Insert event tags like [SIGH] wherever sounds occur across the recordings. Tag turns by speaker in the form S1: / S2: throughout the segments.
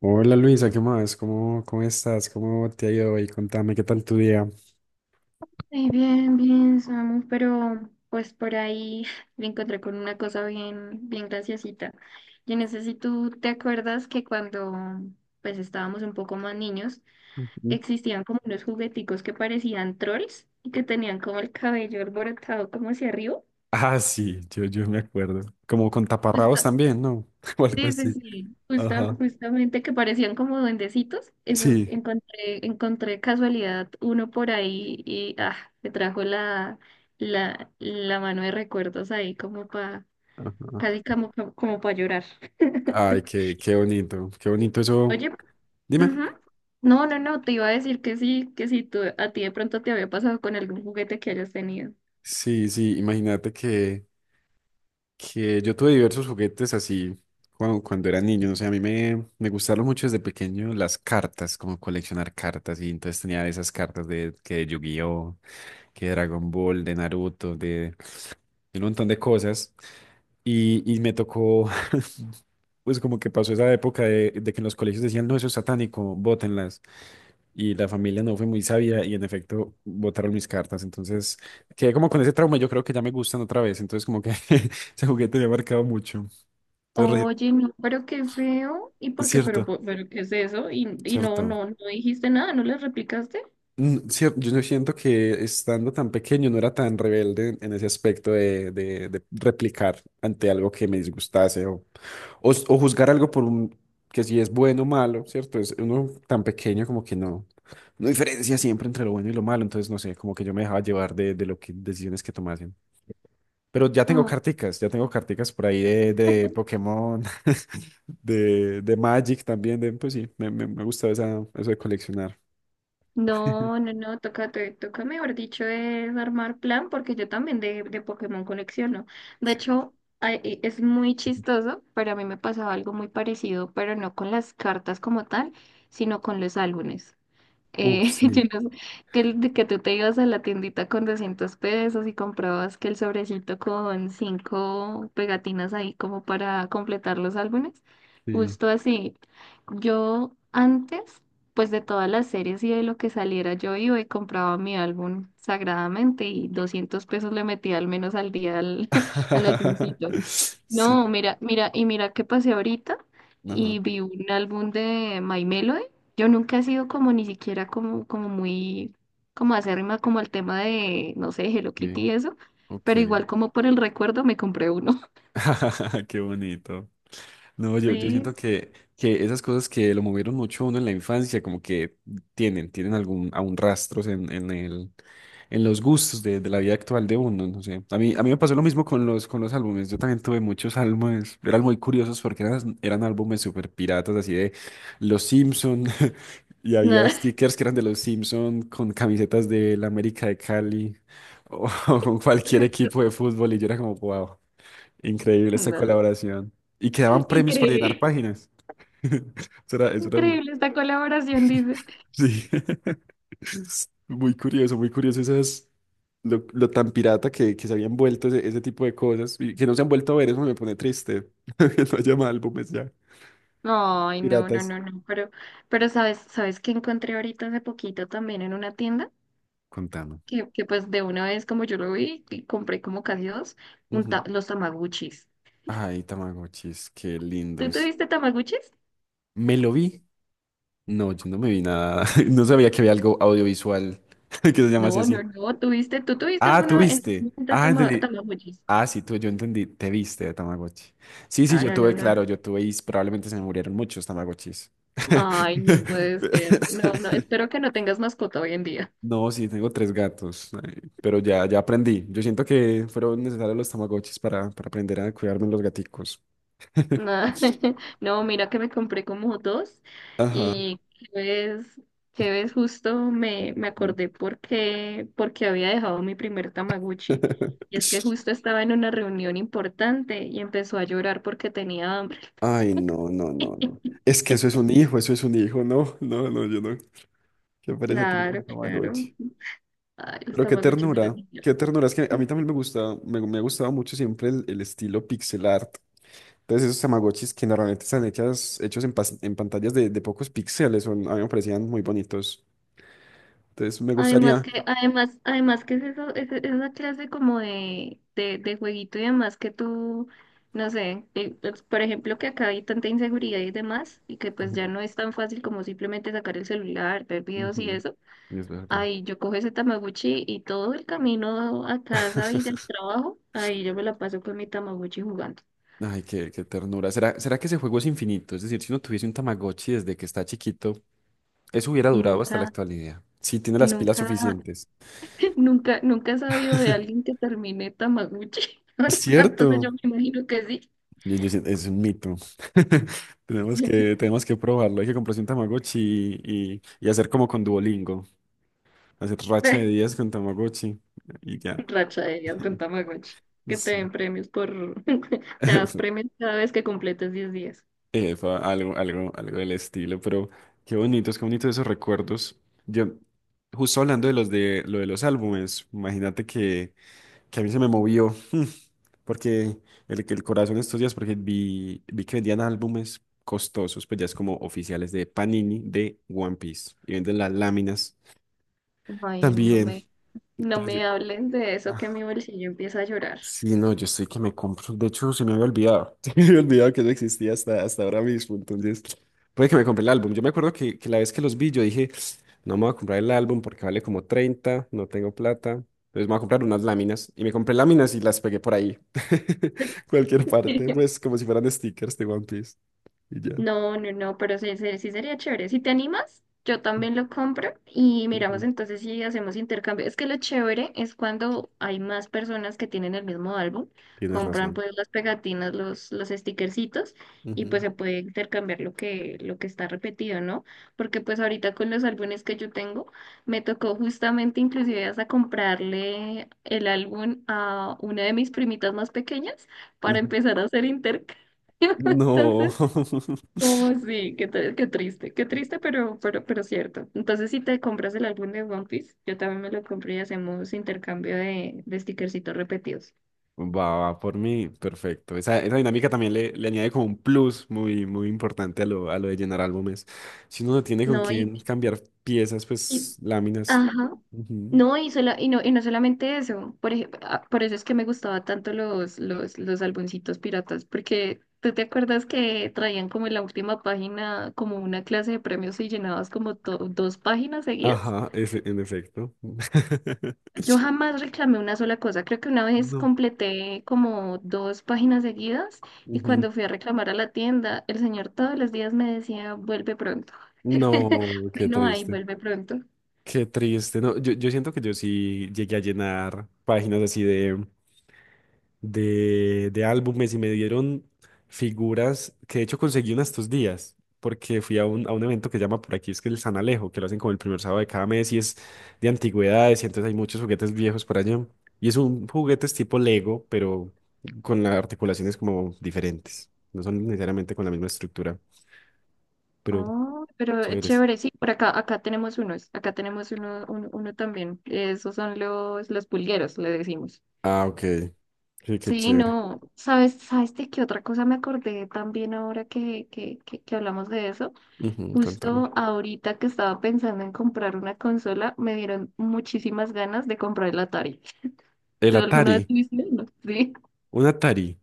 S1: Hola Luisa, ¿qué más? ¿Cómo estás? ¿Cómo te ha ido hoy? Contame, ¿qué tal tu día?
S2: Sí, bien, bien, Samu, pero pues por ahí [LAUGHS] me encontré con una cosa bien, bien graciosita. Yo no sé si tú te acuerdas que cuando pues estábamos un poco más niños,
S1: Ujú.
S2: existían como unos jugueticos que parecían trolls y que tenían como el cabello alborotado como hacia arriba.
S1: Ah, sí, yo me acuerdo. Como con
S2: Pues
S1: taparrabos también, ¿no? [LAUGHS] O algo
S2: sí, sí,
S1: así.
S2: sí,
S1: Ajá.
S2: justamente que parecían como duendecitos, eso
S1: Sí.
S2: encontré, encontré casualidad uno por ahí y ah, me trajo la mano de recuerdos ahí como para,
S1: Ajá.
S2: casi como para llorar.
S1: Ay, qué bonito, qué bonito eso.
S2: Oye,
S1: Dime.
S2: ujú. No, no, no, te iba a decir que sí, que si tú, a ti de pronto te había pasado con algún juguete que hayas tenido.
S1: Sí, sí, imagínate que yo tuve diversos juguetes así cuando era niño, no sé, a mí me gustaron mucho desde pequeño las cartas, como coleccionar cartas, y entonces tenía esas cartas de, que de Yu-Gi-Oh, que de Dragon Ball, de Naruto, de y un montón de cosas. Y me tocó, [LAUGHS] pues como que pasó esa época de que en los colegios decían, no, eso es satánico, bótenlas. Y la familia no fue muy sabia y en efecto botaron mis cartas. Entonces quedé como con ese trauma, yo creo que ya me gustan otra vez. Entonces como que [LAUGHS] ese juguete me ha marcado mucho. Entonces,
S2: Oye, no, pero qué feo, ¿y por qué?
S1: cierto,
S2: Pero ¿qué es eso? Y no,
S1: cierto.
S2: no, no dijiste nada, ¿no le replicaste?
S1: Yo no siento que estando tan pequeño no era tan rebelde en ese aspecto de replicar ante algo que me disgustase o juzgar algo por un, que si es bueno o malo, ¿cierto? Es uno tan pequeño como que no diferencia siempre entre lo bueno y lo malo, entonces no sé, como que yo me dejaba llevar de lo que decisiones que tomasen. Pero ya tengo
S2: Ah.
S1: carticas, ya tengo carticas por ahí de Pokémon, [LAUGHS] de Magic también, de, pues sí, me gusta eso de coleccionar.
S2: No, no, no, toca, toca, mejor dicho, es armar plan porque yo también de Pokémon colecciono. De hecho, ay, es muy chistoso, pero a mí me pasaba algo muy parecido, pero no con las cartas como tal, sino con los álbumes.
S1: Uf,
S2: [LAUGHS]
S1: sí,
S2: Yo no sé, [LAUGHS] que, de que tú te ibas a la tiendita con 200 pesos y comprabas que el sobrecito con cinco pegatinas ahí como para completar los álbumes.
S1: sí.
S2: Justo así. Yo antes, pues de todas las series y de lo que saliera, yo iba y compraba mi álbum sagradamente y 200 pesos le metía al menos al día al, [LAUGHS] al álbumcito.
S1: [LAUGHS] Sí,
S2: No, mira, mira, y mira qué pasé ahorita
S1: ajá,
S2: y vi un álbum de My Melody. Yo nunca he sido como ni siquiera como, como muy, como acérrima como el tema de, no sé, Hello Kitty
S1: sí,
S2: y eso,
S1: ok.
S2: pero igual como por el recuerdo me compré uno. [LAUGHS]
S1: [LAUGHS] Qué bonito. No, yo siento
S2: Sí.
S1: que esas cosas que lo movieron mucho a uno en la infancia, como que tienen algún, aún rastros en los gustos de la vida actual de uno, no sé. A mí me pasó lo mismo con los álbumes. Yo también tuve muchos álbumes, eran muy curiosos porque eran álbumes súper piratas, así de Los Simpson, [LAUGHS] y había
S2: Nada,
S1: stickers que eran de Los Simpson con camisetas de la América de Cali o, [LAUGHS] o con cualquier equipo de fútbol, y yo era como, wow. Increíble esa
S2: nada.
S1: colaboración. Y quedaban premios por llenar
S2: Increíble.
S1: páginas. [LAUGHS] Eso era,
S2: Increíble esta colaboración, dice.
S1: sí. [LAUGHS] Muy curioso lo tan pirata que se habían vuelto ese tipo de cosas y que no se han vuelto a ver, eso me pone triste. [LAUGHS] Que no haya más álbumes ya.
S2: Ay, no, no,
S1: Piratas.
S2: no, no, pero sabes, ¿sabes qué encontré ahorita hace poquito también en una tienda?
S1: Contame.
S2: Que pues de una vez como yo lo vi, y compré como casi dos,
S1: Ujú.
S2: los tamaguchis.
S1: Ay, Tamagotchis, qué
S2: ¿Tú
S1: lindos.
S2: tuviste tamaguchis?
S1: ¿Me lo vi? No, yo no me vi nada. [LAUGHS] No sabía que había algo audiovisual [LAUGHS] que se llamase
S2: No,
S1: así.
S2: no, no, tuviste, ¿tú tuviste
S1: Ah, ¿tú
S2: alguna en algún
S1: viste?
S2: momento
S1: Ah, entendí.
S2: tamaguchis?
S1: Ah, sí, yo entendí, te viste de Tamagotchi. Sí, sí,
S2: No,
S1: yo
S2: no, no,
S1: tuve,
S2: no, no.
S1: claro, yo tuve y probablemente se me murieron muchos Tamagotchis. [LAUGHS]
S2: Ay, no puede ser. No, no, espero que no tengas mascota hoy en día.
S1: No, sí, tengo tres gatos, ay, pero ya aprendí. Yo siento que fueron necesarios los Tamagotchis para aprender a cuidarme los gaticos. [LAUGHS]
S2: Nah, [LAUGHS] no, mira que me compré como dos
S1: Ajá.
S2: y que ves justo me, me acordé porque, porque había dejado mi primer Tamaguchi. Y es que
S1: [LAUGHS]
S2: justo estaba en una reunión importante y empezó a llorar porque tenía hambre.
S1: Ay, no, no, no, no.
S2: [LAUGHS]
S1: Es que eso es un hijo, eso es un hijo, no, no, no, yo no. Qué pereza tener un
S2: Claro, claro.
S1: Tamagotchi.
S2: Ay, los
S1: Pero qué
S2: Tamaguchis eran
S1: ternura,
S2: geniales.
S1: qué ternura. Es que a mí también me ha gustado mucho siempre el estilo pixel art. Entonces esos Tamagotchis que normalmente están hechos en pantallas de pocos píxeles, a mí me parecían muy bonitos. Entonces me
S2: Además
S1: gustaría.
S2: que, además, además que es eso, es esa clase como de, de jueguito y demás que tú, no sé, pues, por ejemplo que acá hay tanta inseguridad y demás, y que pues ya
S1: Ujú,
S2: no es tan fácil como simplemente sacar el celular, ver videos y
S1: ujú.
S2: eso.
S1: Es verdad.
S2: Ahí yo cojo ese Tamagotchi y todo el camino a casa y del trabajo, ahí yo me la paso con mi Tamagotchi jugando.
S1: Ay, qué ternura. ¿Será, será que ese juego es infinito? Es decir, si uno tuviese un Tamagotchi desde que está chiquito, eso hubiera durado hasta la
S2: Nunca,
S1: actualidad. Si tiene las pilas
S2: nunca,
S1: suficientes.
S2: [LAUGHS] nunca, nunca he sabido de
S1: [LAUGHS]
S2: alguien que termine Tamagotchi. [LAUGHS] Entonces
S1: ¿Cierto?
S2: yo me imagino que
S1: Es un mito. [LAUGHS] Tenemos
S2: sí.
S1: que, tenemos que probarlo. Hay que comprarse un Tamagotchi y hacer como con Duolingo. Hacer racha de
S2: [LAUGHS]
S1: días con Tamagotchi y ya.
S2: Racha de días con
S1: [LAUGHS]
S2: Tamagotchi. Que te
S1: Sí.
S2: den premios por... [LAUGHS] te das
S1: [LAUGHS]
S2: premios cada vez que completes 10 días.
S1: Fue algo del estilo, pero qué bonitos esos recuerdos. Yo, justo hablando de los álbumes, imagínate que a mí se me movió. Porque que el corazón estos días, porque vi que vendían álbumes costosos, pues ya es como oficiales de Panini de One Piece. Y venden las láminas
S2: Ay, no
S1: también.
S2: me, no
S1: Entonces
S2: me hablen de eso que
S1: ah,
S2: mi bolsillo empieza a llorar.
S1: Sí, no, yo estoy que me compro. De hecho, se me había olvidado. [LAUGHS] Se me había olvidado que no existía hasta ahora mismo. Entonces, puede que me compre el álbum. Yo me acuerdo que la vez que los vi, yo dije, no me voy a comprar el álbum porque vale como 30, no tengo plata. Entonces, me voy a comprar unas láminas. Y me compré láminas y las pegué por ahí. [LAUGHS] Cualquier parte,
S2: [LAUGHS]
S1: pues como si fueran stickers de One Piece. Y ya.
S2: No, no, no, pero sí, sí, sí sería chévere. Si te animas, yo también lo compro y miramos
S1: Ujú.
S2: entonces si hacemos intercambio. Es que lo chévere es cuando hay más personas que tienen el mismo álbum,
S1: Tienes
S2: compran
S1: razón.
S2: pues las pegatinas, los stickercitos y pues
S1: Ujú,
S2: se puede intercambiar lo que está repetido, ¿no? Porque pues ahorita con los álbumes que yo tengo, me tocó justamente inclusive hasta comprarle el álbum a una de mis primitas más pequeñas para
S1: ujú.
S2: empezar a hacer intercambio. [LAUGHS]
S1: No.
S2: Entonces...
S1: [LAUGHS]
S2: Oh, sí, qué, qué triste, pero cierto. Entonces, si te compras el álbum de One Piece, yo también me lo compré y hacemos intercambio de stickercitos repetidos.
S1: Va, va por mí, perfecto. Esa dinámica también le añade como un plus muy, muy importante a lo de llenar álbumes. Si uno no tiene con
S2: No,
S1: quién cambiar piezas,
S2: y-
S1: pues láminas.
S2: ajá.
S1: Ujú.
S2: No, y, y no solamente eso. Por ejemplo, por eso es que me gustaba tanto los, los álbumcitos piratas, porque tú te acuerdas que traían como en la última página como una clase de premios y llenabas como dos páginas seguidas.
S1: Ajá, en efecto. [LAUGHS]
S2: Yo jamás reclamé una sola cosa. Creo que una vez
S1: No.
S2: completé como dos páginas seguidas y
S1: Ujú.
S2: cuando fui a reclamar a la tienda, el señor todos los días me decía, vuelve pronto. [LAUGHS]
S1: No, qué
S2: Bueno, ahí
S1: triste.
S2: vuelve pronto.
S1: Qué triste. No, yo siento que yo sí llegué a llenar páginas así de álbumes y me dieron figuras que de hecho conseguí una estos días, porque fui a un evento que se llama por aquí, es que el San Alejo, que lo hacen como el primer sábado de cada mes y es de antigüedades y entonces hay muchos juguetes viejos por allá. Y es un juguetes tipo Lego, pero con las articulaciones como diferentes. No son necesariamente con la misma estructura, pero
S2: Ah, pero es
S1: chéveres.
S2: chévere, sí, por acá, acá tenemos unos, acá tenemos uno, uno, uno también. Esos son los pulgueros, le decimos.
S1: Ah, ok. Sí, qué
S2: Sí,
S1: chévere.
S2: no, ¿sabes, sabes de qué otra cosa me acordé también ahora que, que hablamos de eso?
S1: Ujú, contame.
S2: Justo ahorita que estaba pensando en comprar una consola, me dieron muchísimas ganas de comprar el Atari.
S1: El
S2: ¿Tú alguna vez
S1: Atari,
S2: tuviste uno? Sí,
S1: un Atari.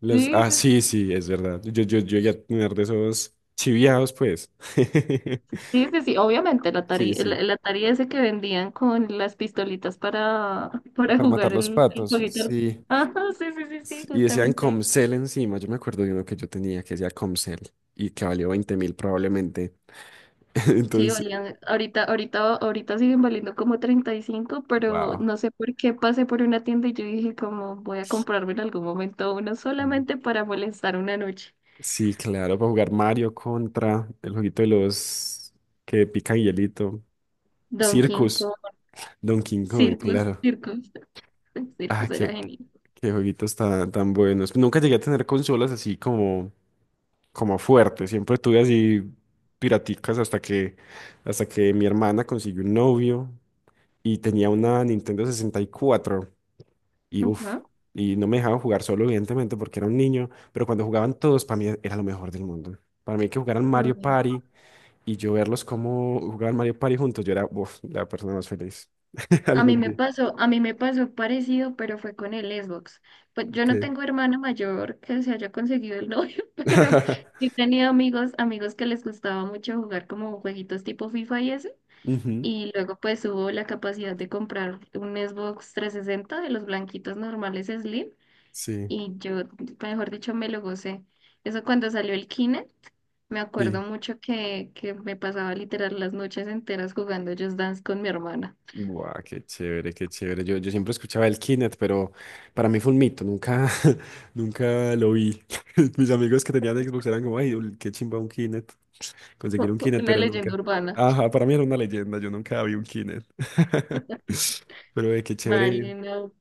S1: Los,
S2: sí,
S1: ah,
S2: sí,
S1: sí, sí, es verdad. Yo ya tener de esos chiviados, pues. [LAUGHS]
S2: sí, sí, sí. Obviamente el Atari,
S1: Sí,
S2: el,
S1: sí.
S2: el Atari ese que vendían con las pistolitas para, [LAUGHS] para
S1: Para matar
S2: jugar
S1: los
S2: el
S1: patos,
S2: jueguito.
S1: sí.
S2: Ajá, sí, sí, sí, sí,
S1: Sí, y decían
S2: justamente.
S1: Comcel encima. Yo me acuerdo de uno que yo tenía que decía Comcel y que valió 20.000 probablemente. [LAUGHS]
S2: Sí,
S1: Entonces,
S2: valían, ahorita, ahorita, ahorita siguen valiendo como 35, pero
S1: wow.
S2: no sé por qué pasé por una tienda y yo dije como voy a comprarme en algún momento uno solamente para molestar una noche.
S1: Sí, claro, para jugar Mario contra el jueguito de los que pican hielito.
S2: Donkey
S1: Circus,
S2: Kong,
S1: Donkey Kong,
S2: Circus,
S1: claro.
S2: Circus, [LAUGHS]
S1: Ah,
S2: Circus era
S1: qué,
S2: genial.
S1: qué jueguitos tan, tan buenos. Nunca llegué a tener consolas así como fuerte. Siempre tuve así piraticas hasta que mi hermana consiguió un novio y tenía una Nintendo 64 y cuatro y uff,
S2: Ajá.
S1: y no me dejaban jugar solo, evidentemente, porque era un niño, pero cuando jugaban todos, para mí era lo mejor del mundo. Para mí que jugaran Mario
S2: Ay,
S1: Party y yo verlos como jugaban Mario Party juntos, yo era uf, la persona más feliz [LAUGHS]
S2: A mí
S1: algún
S2: me
S1: día.
S2: pasó, a mí me pasó parecido, pero fue con el Xbox. Pues yo no
S1: Okay.
S2: tengo hermana mayor que se haya conseguido el novio, [LAUGHS] pero
S1: [LAUGHS]
S2: sí he tenido amigos, amigos que les gustaba mucho jugar como jueguitos tipo FIFA y ese.
S1: Ujú,
S2: Y luego pues hubo la capacidad de comprar un Xbox 360 de los blanquitos normales Slim
S1: sí,
S2: y yo, mejor dicho, me lo gocé. Eso cuando salió el Kinect, me acuerdo
S1: sí.
S2: mucho que me pasaba literal las noches enteras jugando Just Dance con mi hermana.
S1: Buah, qué chévere, qué chévere. Yo siempre escuchaba el Kinect, pero para mí fue un mito, nunca, [LAUGHS] nunca lo vi. [LAUGHS] Mis amigos que tenían Xbox eran como, ay, qué chimba un Kinect, conseguir un
S2: [LAUGHS]
S1: Kinect,
S2: Una
S1: pero
S2: leyenda
S1: nunca.
S2: urbana.
S1: Ajá, para mí era una leyenda, yo nunca vi un Kinect. [LAUGHS]
S2: [LAUGHS]
S1: Pero
S2: Vale, no,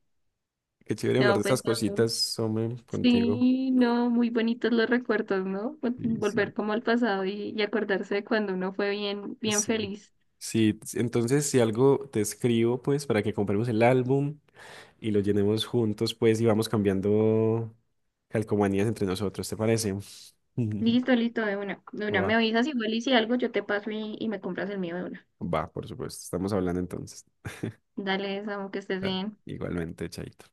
S1: qué chévere hablar de
S2: no, pues
S1: estas
S2: no.
S1: cositas, hombre, contigo.
S2: Sí, no, muy bonitos los recuerdos, ¿no?
S1: Sí,
S2: Volver
S1: sí,
S2: como al pasado y acordarse de cuando uno fue bien, bien
S1: sí.
S2: feliz.
S1: Sí, entonces si algo te escribo, pues para que compremos el álbum y lo llenemos juntos, pues y vamos cambiando calcomanías entre nosotros, ¿te parece? [LAUGHS]
S2: Listo, listo, de una, de una. Me
S1: Va,
S2: avisas igual y si algo yo te paso y me compras el mío de una.
S1: va, por supuesto. Estamos hablando entonces.
S2: Dale, Samu, que estés
S1: Ah,
S2: bien.
S1: igualmente, Chaito.